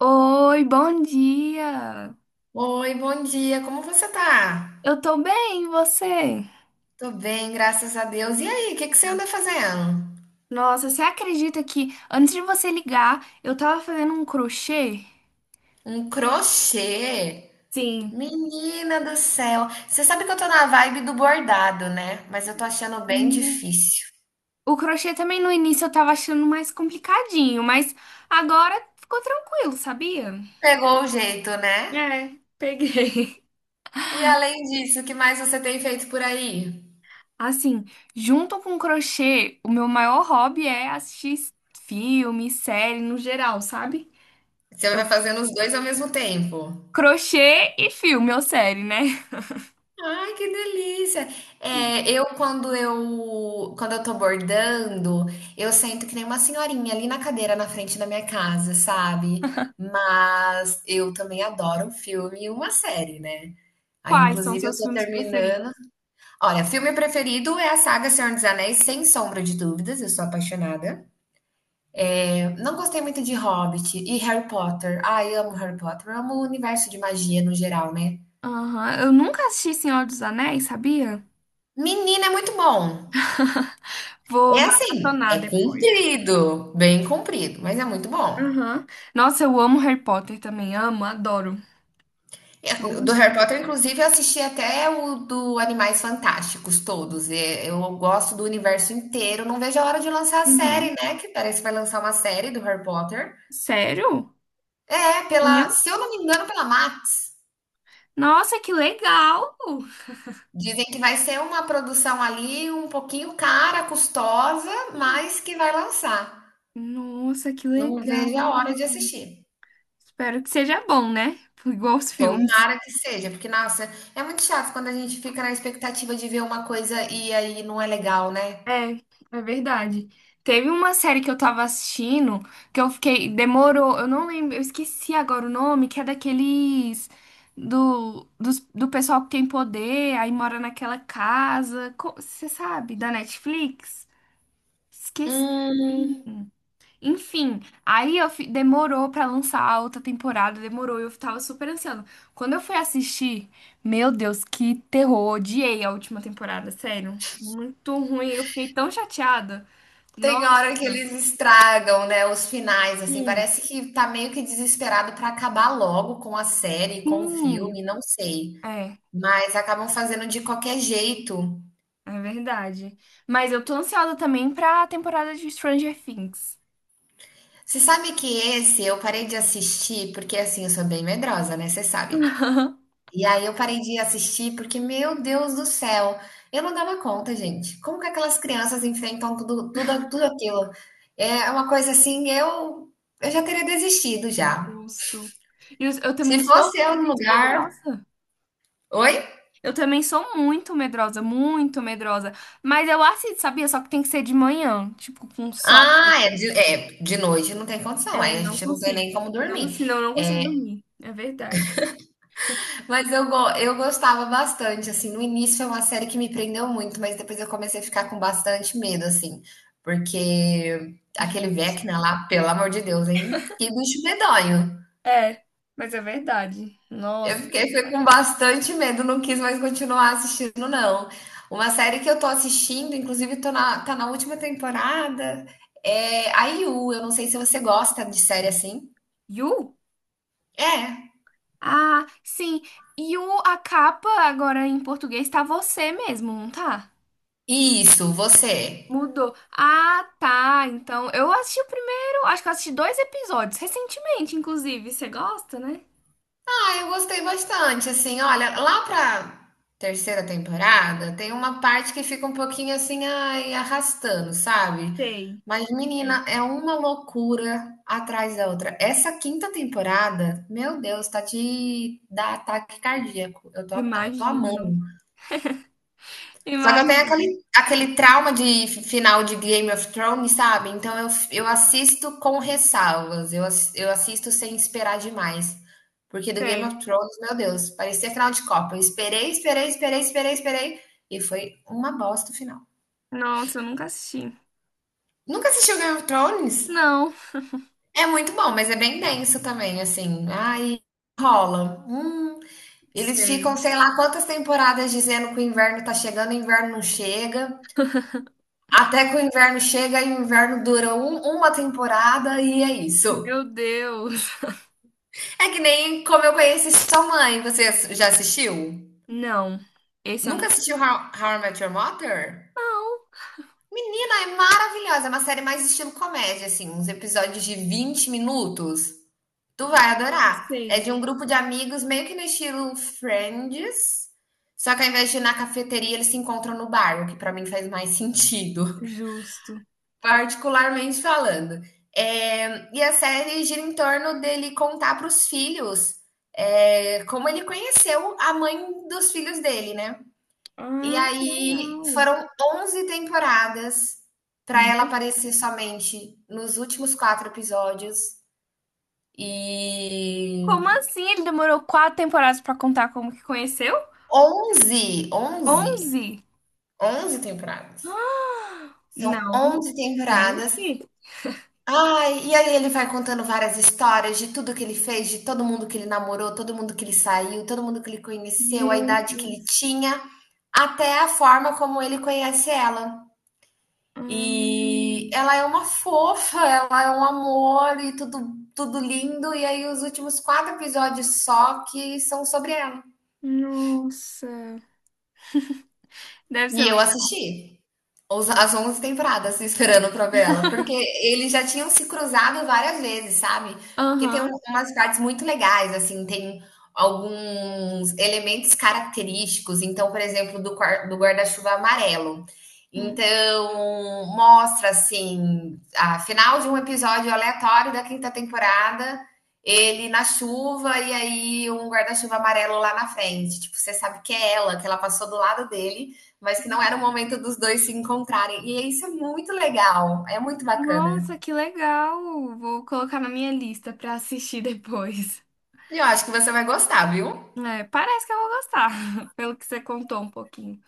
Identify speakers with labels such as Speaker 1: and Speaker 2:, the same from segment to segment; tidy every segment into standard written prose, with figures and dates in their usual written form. Speaker 1: Oi, bom dia!
Speaker 2: Oi, bom dia. Como você tá?
Speaker 1: Eu tô bem, e você?
Speaker 2: Tô bem, graças a Deus. E aí, o que que você anda fazendo?
Speaker 1: Nossa, você acredita que antes de você ligar, eu tava fazendo um crochê?
Speaker 2: Um crochê?
Speaker 1: Sim.
Speaker 2: Menina do céu. Você sabe que eu tô na vibe do bordado, né? Mas eu tô achando bem
Speaker 1: No-
Speaker 2: difícil.
Speaker 1: O crochê também no início eu tava achando mais complicadinho, mas agora ficou tranquilo, sabia?
Speaker 2: Pegou o jeito, né?
Speaker 1: É, peguei.
Speaker 2: E além disso, o que mais você tem feito por aí?
Speaker 1: Assim, junto com o crochê, o meu maior hobby é assistir filme, série no geral, sabe?
Speaker 2: Você vai fazendo os dois ao mesmo tempo.
Speaker 1: Crochê e filme ou série, né?
Speaker 2: Ai, que delícia! É, eu quando eu quando eu tô bordando, eu sento que nem uma senhorinha ali na cadeira na frente da minha casa, sabe? Mas eu também adoro um filme e uma série, né? Aí,
Speaker 1: Quais são
Speaker 2: inclusive, eu
Speaker 1: seus
Speaker 2: tô
Speaker 1: filmes preferidos?
Speaker 2: terminando. Olha, filme preferido é a saga Senhor dos Anéis, sem sombra de dúvidas, eu sou apaixonada. Não gostei muito de Hobbit e Harry Potter. Ai, amo Harry Potter, amo o universo de magia no geral, né?
Speaker 1: Aham, eu nunca assisti Senhor dos Anéis, sabia?
Speaker 2: Menina, é muito bom.
Speaker 1: Vou
Speaker 2: É assim, é
Speaker 1: maratonar depois.
Speaker 2: comprido, bem comprido, mas é muito bom.
Speaker 1: Aham. Nossa, eu amo Harry Potter também, amo, adoro.
Speaker 2: Do
Speaker 1: Todos.
Speaker 2: Harry Potter, inclusive, eu assisti até o do Animais Fantásticos todos. E Eu gosto do universo inteiro. Não vejo a hora de lançar a série,
Speaker 1: Aham.
Speaker 2: né? Que parece que vai lançar uma série do Harry Potter.
Speaker 1: Sério?
Speaker 2: É,
Speaker 1: Uhum.
Speaker 2: se eu não me engano, pela Max.
Speaker 1: Nossa, que legal!
Speaker 2: Dizem que vai ser uma produção ali um pouquinho cara, custosa, mas que vai lançar.
Speaker 1: Nossa, que
Speaker 2: Não
Speaker 1: legal!
Speaker 2: vejo a hora de assistir.
Speaker 1: Espero que seja bom, né? Igual os filmes.
Speaker 2: Tomara que seja, porque, nossa, é muito chato quando a gente fica na expectativa de ver uma coisa e aí não é legal, né?
Speaker 1: É, é verdade. Teve uma série que eu tava assistindo que eu fiquei. Demorou, eu não lembro, eu esqueci agora o nome, que é daqueles. Do pessoal que tem poder, aí mora naquela casa. Você sabe? Da Netflix? Esqueci.
Speaker 2: Hum.
Speaker 1: Enfim, aí eu demorou pra lançar a outra temporada, demorou, eu tava super ansiando. Quando eu fui assistir, meu Deus, que terror, odiei a última temporada, sério. Muito ruim, eu fiquei tão chateada.
Speaker 2: Tem
Speaker 1: Nossa.
Speaker 2: hora que eles estragam, né, os finais, assim,
Speaker 1: Sim,
Speaker 2: parece que tá meio que desesperado pra acabar logo com a série, com o
Speaker 1: sim.
Speaker 2: filme, não sei.
Speaker 1: É,
Speaker 2: Mas acabam fazendo de qualquer jeito.
Speaker 1: é verdade. Mas eu tô ansiosa também pra temporada de Stranger Things.
Speaker 2: Você sabe que esse eu parei de assistir, porque assim, eu sou bem medrosa, né? Você sabe. E aí eu parei de assistir porque, meu Deus do céu, eu não dava conta, gente. Como que aquelas crianças enfrentam tudo, tudo, tudo aquilo? É uma coisa assim, eu já teria desistido já.
Speaker 1: Justo. E eu
Speaker 2: Se
Speaker 1: também sou
Speaker 2: fosse eu no
Speaker 1: muito
Speaker 2: lugar.
Speaker 1: medrosa.
Speaker 2: Oi?
Speaker 1: Eu também sou muito medrosa, muito medrosa. Mas eu assisto, sabia? Só que tem que ser de manhã, tipo, com sol.
Speaker 2: Ah, de noite não tem condição,
Speaker 1: É,
Speaker 2: aí a
Speaker 1: não
Speaker 2: gente não tem
Speaker 1: consigo.
Speaker 2: nem como
Speaker 1: Não,
Speaker 2: dormir.
Speaker 1: senão eu não consigo dormir. É verdade.
Speaker 2: Mas eu, eu gostava bastante, assim, no início foi uma série que me prendeu muito, mas depois eu comecei a ficar com bastante medo, assim, porque aquele
Speaker 1: Justo.
Speaker 2: Vecna lá, pelo amor de Deus, hein? Que bicho medonho.
Speaker 1: É, mas é verdade.
Speaker 2: Eu
Speaker 1: Nossa, é
Speaker 2: fiquei com
Speaker 1: verdade.
Speaker 2: bastante medo, não quis mais continuar assistindo, não. Uma série que eu tô assistindo, inclusive tá na última temporada, é a IU, eu não sei se você gosta de série assim.
Speaker 1: Yu?
Speaker 2: É,
Speaker 1: Ah, sim. Yu, a capa agora em português tá você mesmo, não tá?
Speaker 2: isso, você. É.
Speaker 1: Mudou. Ah, tá. Então, eu assisti o primeiro, acho que eu assisti dois episódios, recentemente, inclusive. Você gosta, né?
Speaker 2: Ah, eu gostei bastante, assim, olha, lá pra terceira temporada tem uma parte que fica um pouquinho assim, ai, arrastando, sabe?
Speaker 1: Sei.
Speaker 2: Mas,
Speaker 1: Sei.
Speaker 2: menina, é uma loucura atrás da outra. Essa quinta temporada, meu Deus, tá de dar ataque cardíaco. Eu tô
Speaker 1: Imagino.
Speaker 2: amando. Só que eu tenho
Speaker 1: Imagino.
Speaker 2: aquele trauma de final de Game of Thrones, sabe? Então eu assisto com ressalvas. Eu assisto sem esperar demais. Porque do Game
Speaker 1: Sei.
Speaker 2: of Thrones, meu Deus, parecia final de Copa. Eu esperei, esperei, esperei, esperei, esperei. E foi uma bosta o final.
Speaker 1: Nossa, eu nunca assisti.
Speaker 2: Nunca assistiu Game of Thrones?
Speaker 1: Não.
Speaker 2: É muito bom, mas é bem denso também, assim. Ai, rola. Eles ficam,
Speaker 1: Sei.
Speaker 2: sei lá, quantas temporadas dizendo que o inverno tá chegando, o inverno não chega. Até que o inverno chega e o inverno dura uma temporada e é isso.
Speaker 1: Meu Deus.
Speaker 2: É que nem Como Eu Conheci Sua Mãe. Você já assistiu?
Speaker 1: Não. Esse eu
Speaker 2: Nunca
Speaker 1: nunca
Speaker 2: assistiu
Speaker 1: assisti.
Speaker 2: How I Met Your Mother?
Speaker 1: Não.
Speaker 2: Não, é maravilhosa. É uma série mais estilo comédia, assim. Uns episódios de 20 minutos. Tu vai
Speaker 1: Não
Speaker 2: adorar. É
Speaker 1: sei.
Speaker 2: de um grupo de amigos meio que no estilo Friends. Só que ao invés de ir na cafeteria, eles se encontram no bar, o que pra mim faz mais sentido.
Speaker 1: Justo.
Speaker 2: Particularmente falando. É, e a série gira em torno dele contar para os filhos é, como ele conheceu a mãe dos filhos dele, né? E
Speaker 1: Ah, que
Speaker 2: aí
Speaker 1: legal.
Speaker 2: foram 11 temporadas para
Speaker 1: Meu
Speaker 2: ela
Speaker 1: Deus.
Speaker 2: aparecer somente nos últimos quatro episódios. E
Speaker 1: Como assim? Ele demorou quatro temporadas pra contar como que conheceu?
Speaker 2: 11, 11,
Speaker 1: Onze?
Speaker 2: 11 temporadas. São
Speaker 1: Não.
Speaker 2: 11 temporadas.
Speaker 1: Gente.
Speaker 2: Ai, e aí ele vai contando várias histórias de tudo que ele fez, de todo mundo que ele namorou, todo mundo que ele saiu, todo mundo que ele conheceu, a
Speaker 1: Meu
Speaker 2: idade que ele
Speaker 1: Deus.
Speaker 2: tinha, até a forma como ele conhece ela.
Speaker 1: Ah,
Speaker 2: E ela é uma fofa, ela é um amor e tudo, tudo lindo. E aí os últimos quatro episódios só que são sobre ela.
Speaker 1: nossa. Deve ser
Speaker 2: E eu
Speaker 1: legal.
Speaker 2: assisti. Os as 11 temporadas se esperando pra ver ela, porque eles já tinham se cruzado várias vezes, sabe. Porque tem
Speaker 1: Aham.
Speaker 2: umas partes muito legais, assim, tem alguns elementos característicos, então, por exemplo, do guarda-chuva amarelo.
Speaker 1: Hum.
Speaker 2: Então, mostra, assim, a final de um episódio aleatório da quinta temporada, ele na chuva e aí um guarda-chuva amarelo lá na frente, tipo, você sabe que é ela, que ela passou do lado dele, mas que não era o momento dos dois se encontrarem. E isso é muito legal, é muito bacana.
Speaker 1: Nossa, que legal! Vou colocar na minha lista pra assistir depois.
Speaker 2: E eu acho que você vai gostar, viu?
Speaker 1: É, parece que eu vou gostar, pelo que você contou um pouquinho.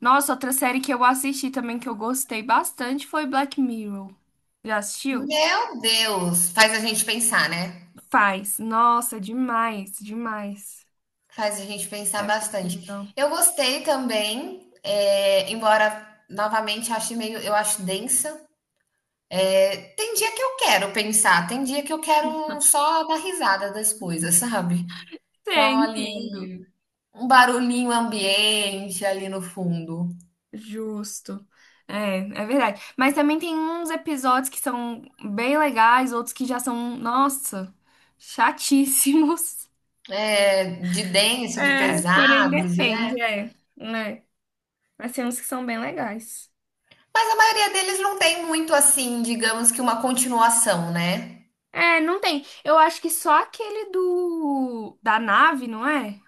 Speaker 1: Nossa, outra série que eu assisti também que eu gostei bastante foi Black Mirror. Já assistiu?
Speaker 2: Meu Deus, faz a gente pensar, né?
Speaker 1: Faz. Nossa, demais, demais.
Speaker 2: Faz a gente pensar
Speaker 1: É muito
Speaker 2: bastante.
Speaker 1: legal.
Speaker 2: Eu gostei também, é, embora novamente ache meio, eu acho densa. Tem dia que eu quero pensar, tem dia que eu quero só dar risada das coisas, sabe? Só
Speaker 1: Sim, entendo.
Speaker 2: ali um barulhinho ambiente ali no fundo.
Speaker 1: Justo. É, é verdade. Mas também tem uns episódios que são bem legais, outros que já são, nossa, chatíssimos.
Speaker 2: É, de denso, de
Speaker 1: É, porém
Speaker 2: pesados, né?
Speaker 1: depende, é, né? Mas tem uns que são bem legais.
Speaker 2: Mas a maioria deles não tem muito assim, digamos que uma continuação, né?
Speaker 1: É, não tem. Eu acho que só aquele do da nave, não é?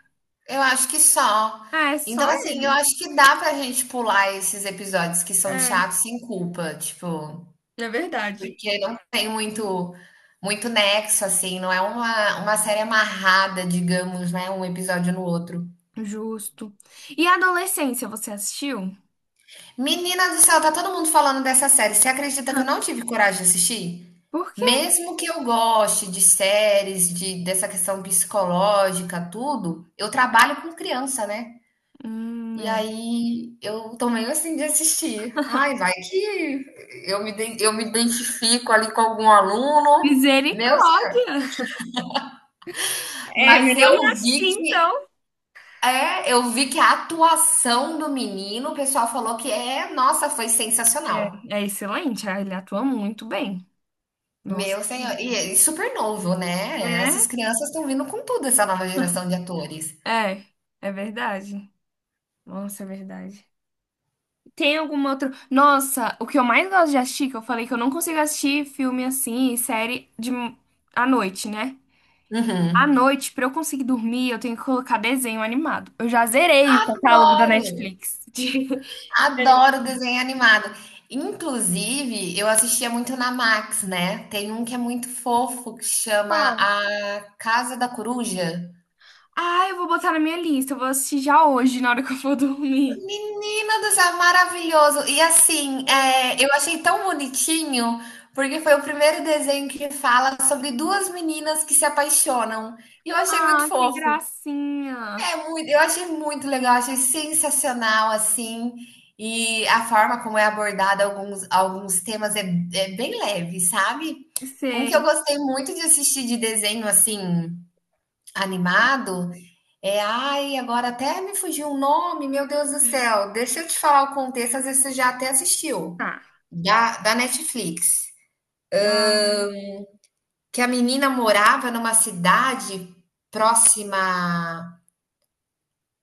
Speaker 2: Eu acho que só.
Speaker 1: É, só
Speaker 2: Então, assim, eu
Speaker 1: ele.
Speaker 2: acho que dá pra gente pular esses episódios que são
Speaker 1: É,
Speaker 2: chatos sem culpa, tipo,
Speaker 1: é verdade.
Speaker 2: porque não tem muito nexo, assim, não é uma série amarrada, digamos, né? Um episódio no outro.
Speaker 1: Justo. E Adolescência, você assistiu?
Speaker 2: Menina do céu, tá todo mundo falando dessa série. Você acredita que eu não tive coragem de assistir?
Speaker 1: Por quê?
Speaker 2: Mesmo que eu goste de séries, de dessa questão psicológica, tudo, eu trabalho com criança, né? E
Speaker 1: É.
Speaker 2: aí eu tô meio assim de assistir. Ai, vai que eu me identifico ali com algum aluno. Meu,
Speaker 1: Misericórdia. É,
Speaker 2: mas
Speaker 1: melhor
Speaker 2: eu
Speaker 1: não
Speaker 2: vi
Speaker 1: assistir,
Speaker 2: que
Speaker 1: então.
Speaker 2: eu vi que a atuação do menino, o pessoal falou que é, nossa, foi sensacional.
Speaker 1: É, é excelente, ah, ele atua muito bem. Nossa.
Speaker 2: Meu senhor, e super novo, né.
Speaker 1: É?
Speaker 2: Essas crianças estão vindo com tudo, essa nova geração de atores.
Speaker 1: É, é verdade. Nossa, é verdade. Tem alguma outra. Nossa, o que eu mais gosto de assistir, que eu falei que eu não consigo assistir filme assim, série de à noite, né? À
Speaker 2: Uhum.
Speaker 1: noite, pra eu conseguir dormir, eu tenho que colocar desenho animado. Eu já zerei o catálogo da
Speaker 2: Adoro,
Speaker 1: Netflix. De...
Speaker 2: adoro desenho animado. Inclusive, eu assistia muito na Max, né. Tem um que é muito fofo que chama
Speaker 1: Qual?
Speaker 2: A Casa da Coruja.
Speaker 1: Ah, eu vou botar na minha lista. Eu vou assistir já hoje, na hora que eu for dormir.
Speaker 2: Menina do céu, maravilhoso. E assim, eu achei tão bonitinho, porque foi o primeiro desenho que fala sobre 2 meninas que se apaixonam, e eu achei muito
Speaker 1: Ah, que
Speaker 2: fofo.
Speaker 1: gracinha.
Speaker 2: É muito, eu achei muito legal, achei sensacional assim. E a forma como é abordada alguns, alguns temas é, é bem leve, sabe? Um que eu
Speaker 1: Sei.
Speaker 2: gostei muito de assistir de desenho assim, animado, é. Ai, agora até me fugiu um nome, meu Deus do céu. Deixa eu te falar o contexto, às vezes você já até assistiu,
Speaker 1: Tá.
Speaker 2: da Netflix.
Speaker 1: Ah.
Speaker 2: Que a menina morava numa cidade próxima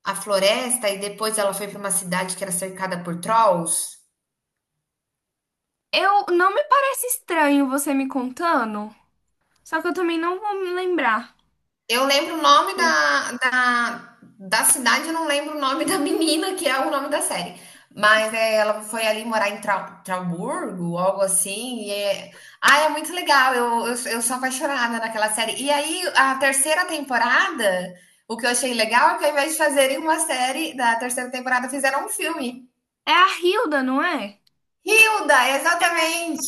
Speaker 2: a floresta e depois ela foi para uma cidade que era cercada por trolls.
Speaker 1: Eu não me parece estranho você me contando, só que eu também não vou me lembrar.
Speaker 2: Eu lembro o nome da cidade, eu não lembro o nome da menina, que é o nome da série. Mas é, ela foi ali morar em Trauburgo, algo assim. E é... Ah, é muito legal. Eu sou apaixonada naquela série. E aí, a terceira temporada, o que eu achei legal é que ao invés de fazerem uma série da terceira temporada, fizeram um filme.
Speaker 1: É a Hilda, não é?
Speaker 2: Hilda,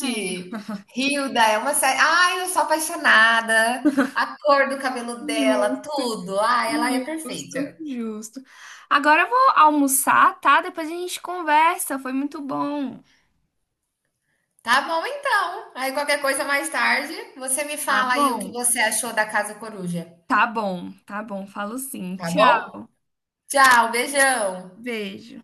Speaker 1: É,
Speaker 2: Hilda é uma série. Ai, eu sou apaixonada. A cor do cabelo dela,
Speaker 1: justo,
Speaker 2: tudo. Ah, ela é
Speaker 1: justo,
Speaker 2: perfeita.
Speaker 1: justo. Agora eu vou almoçar, tá? Depois a gente conversa. Foi muito bom.
Speaker 2: Tá bom, então. Aí qualquer coisa mais tarde, você me
Speaker 1: Tá
Speaker 2: fala aí o que
Speaker 1: bom.
Speaker 2: você achou da Casa Coruja.
Speaker 1: Tá bom, tá bom. Falo sim.
Speaker 2: Tá
Speaker 1: Tchau.
Speaker 2: bom? Tchau, beijão.
Speaker 1: Beijo.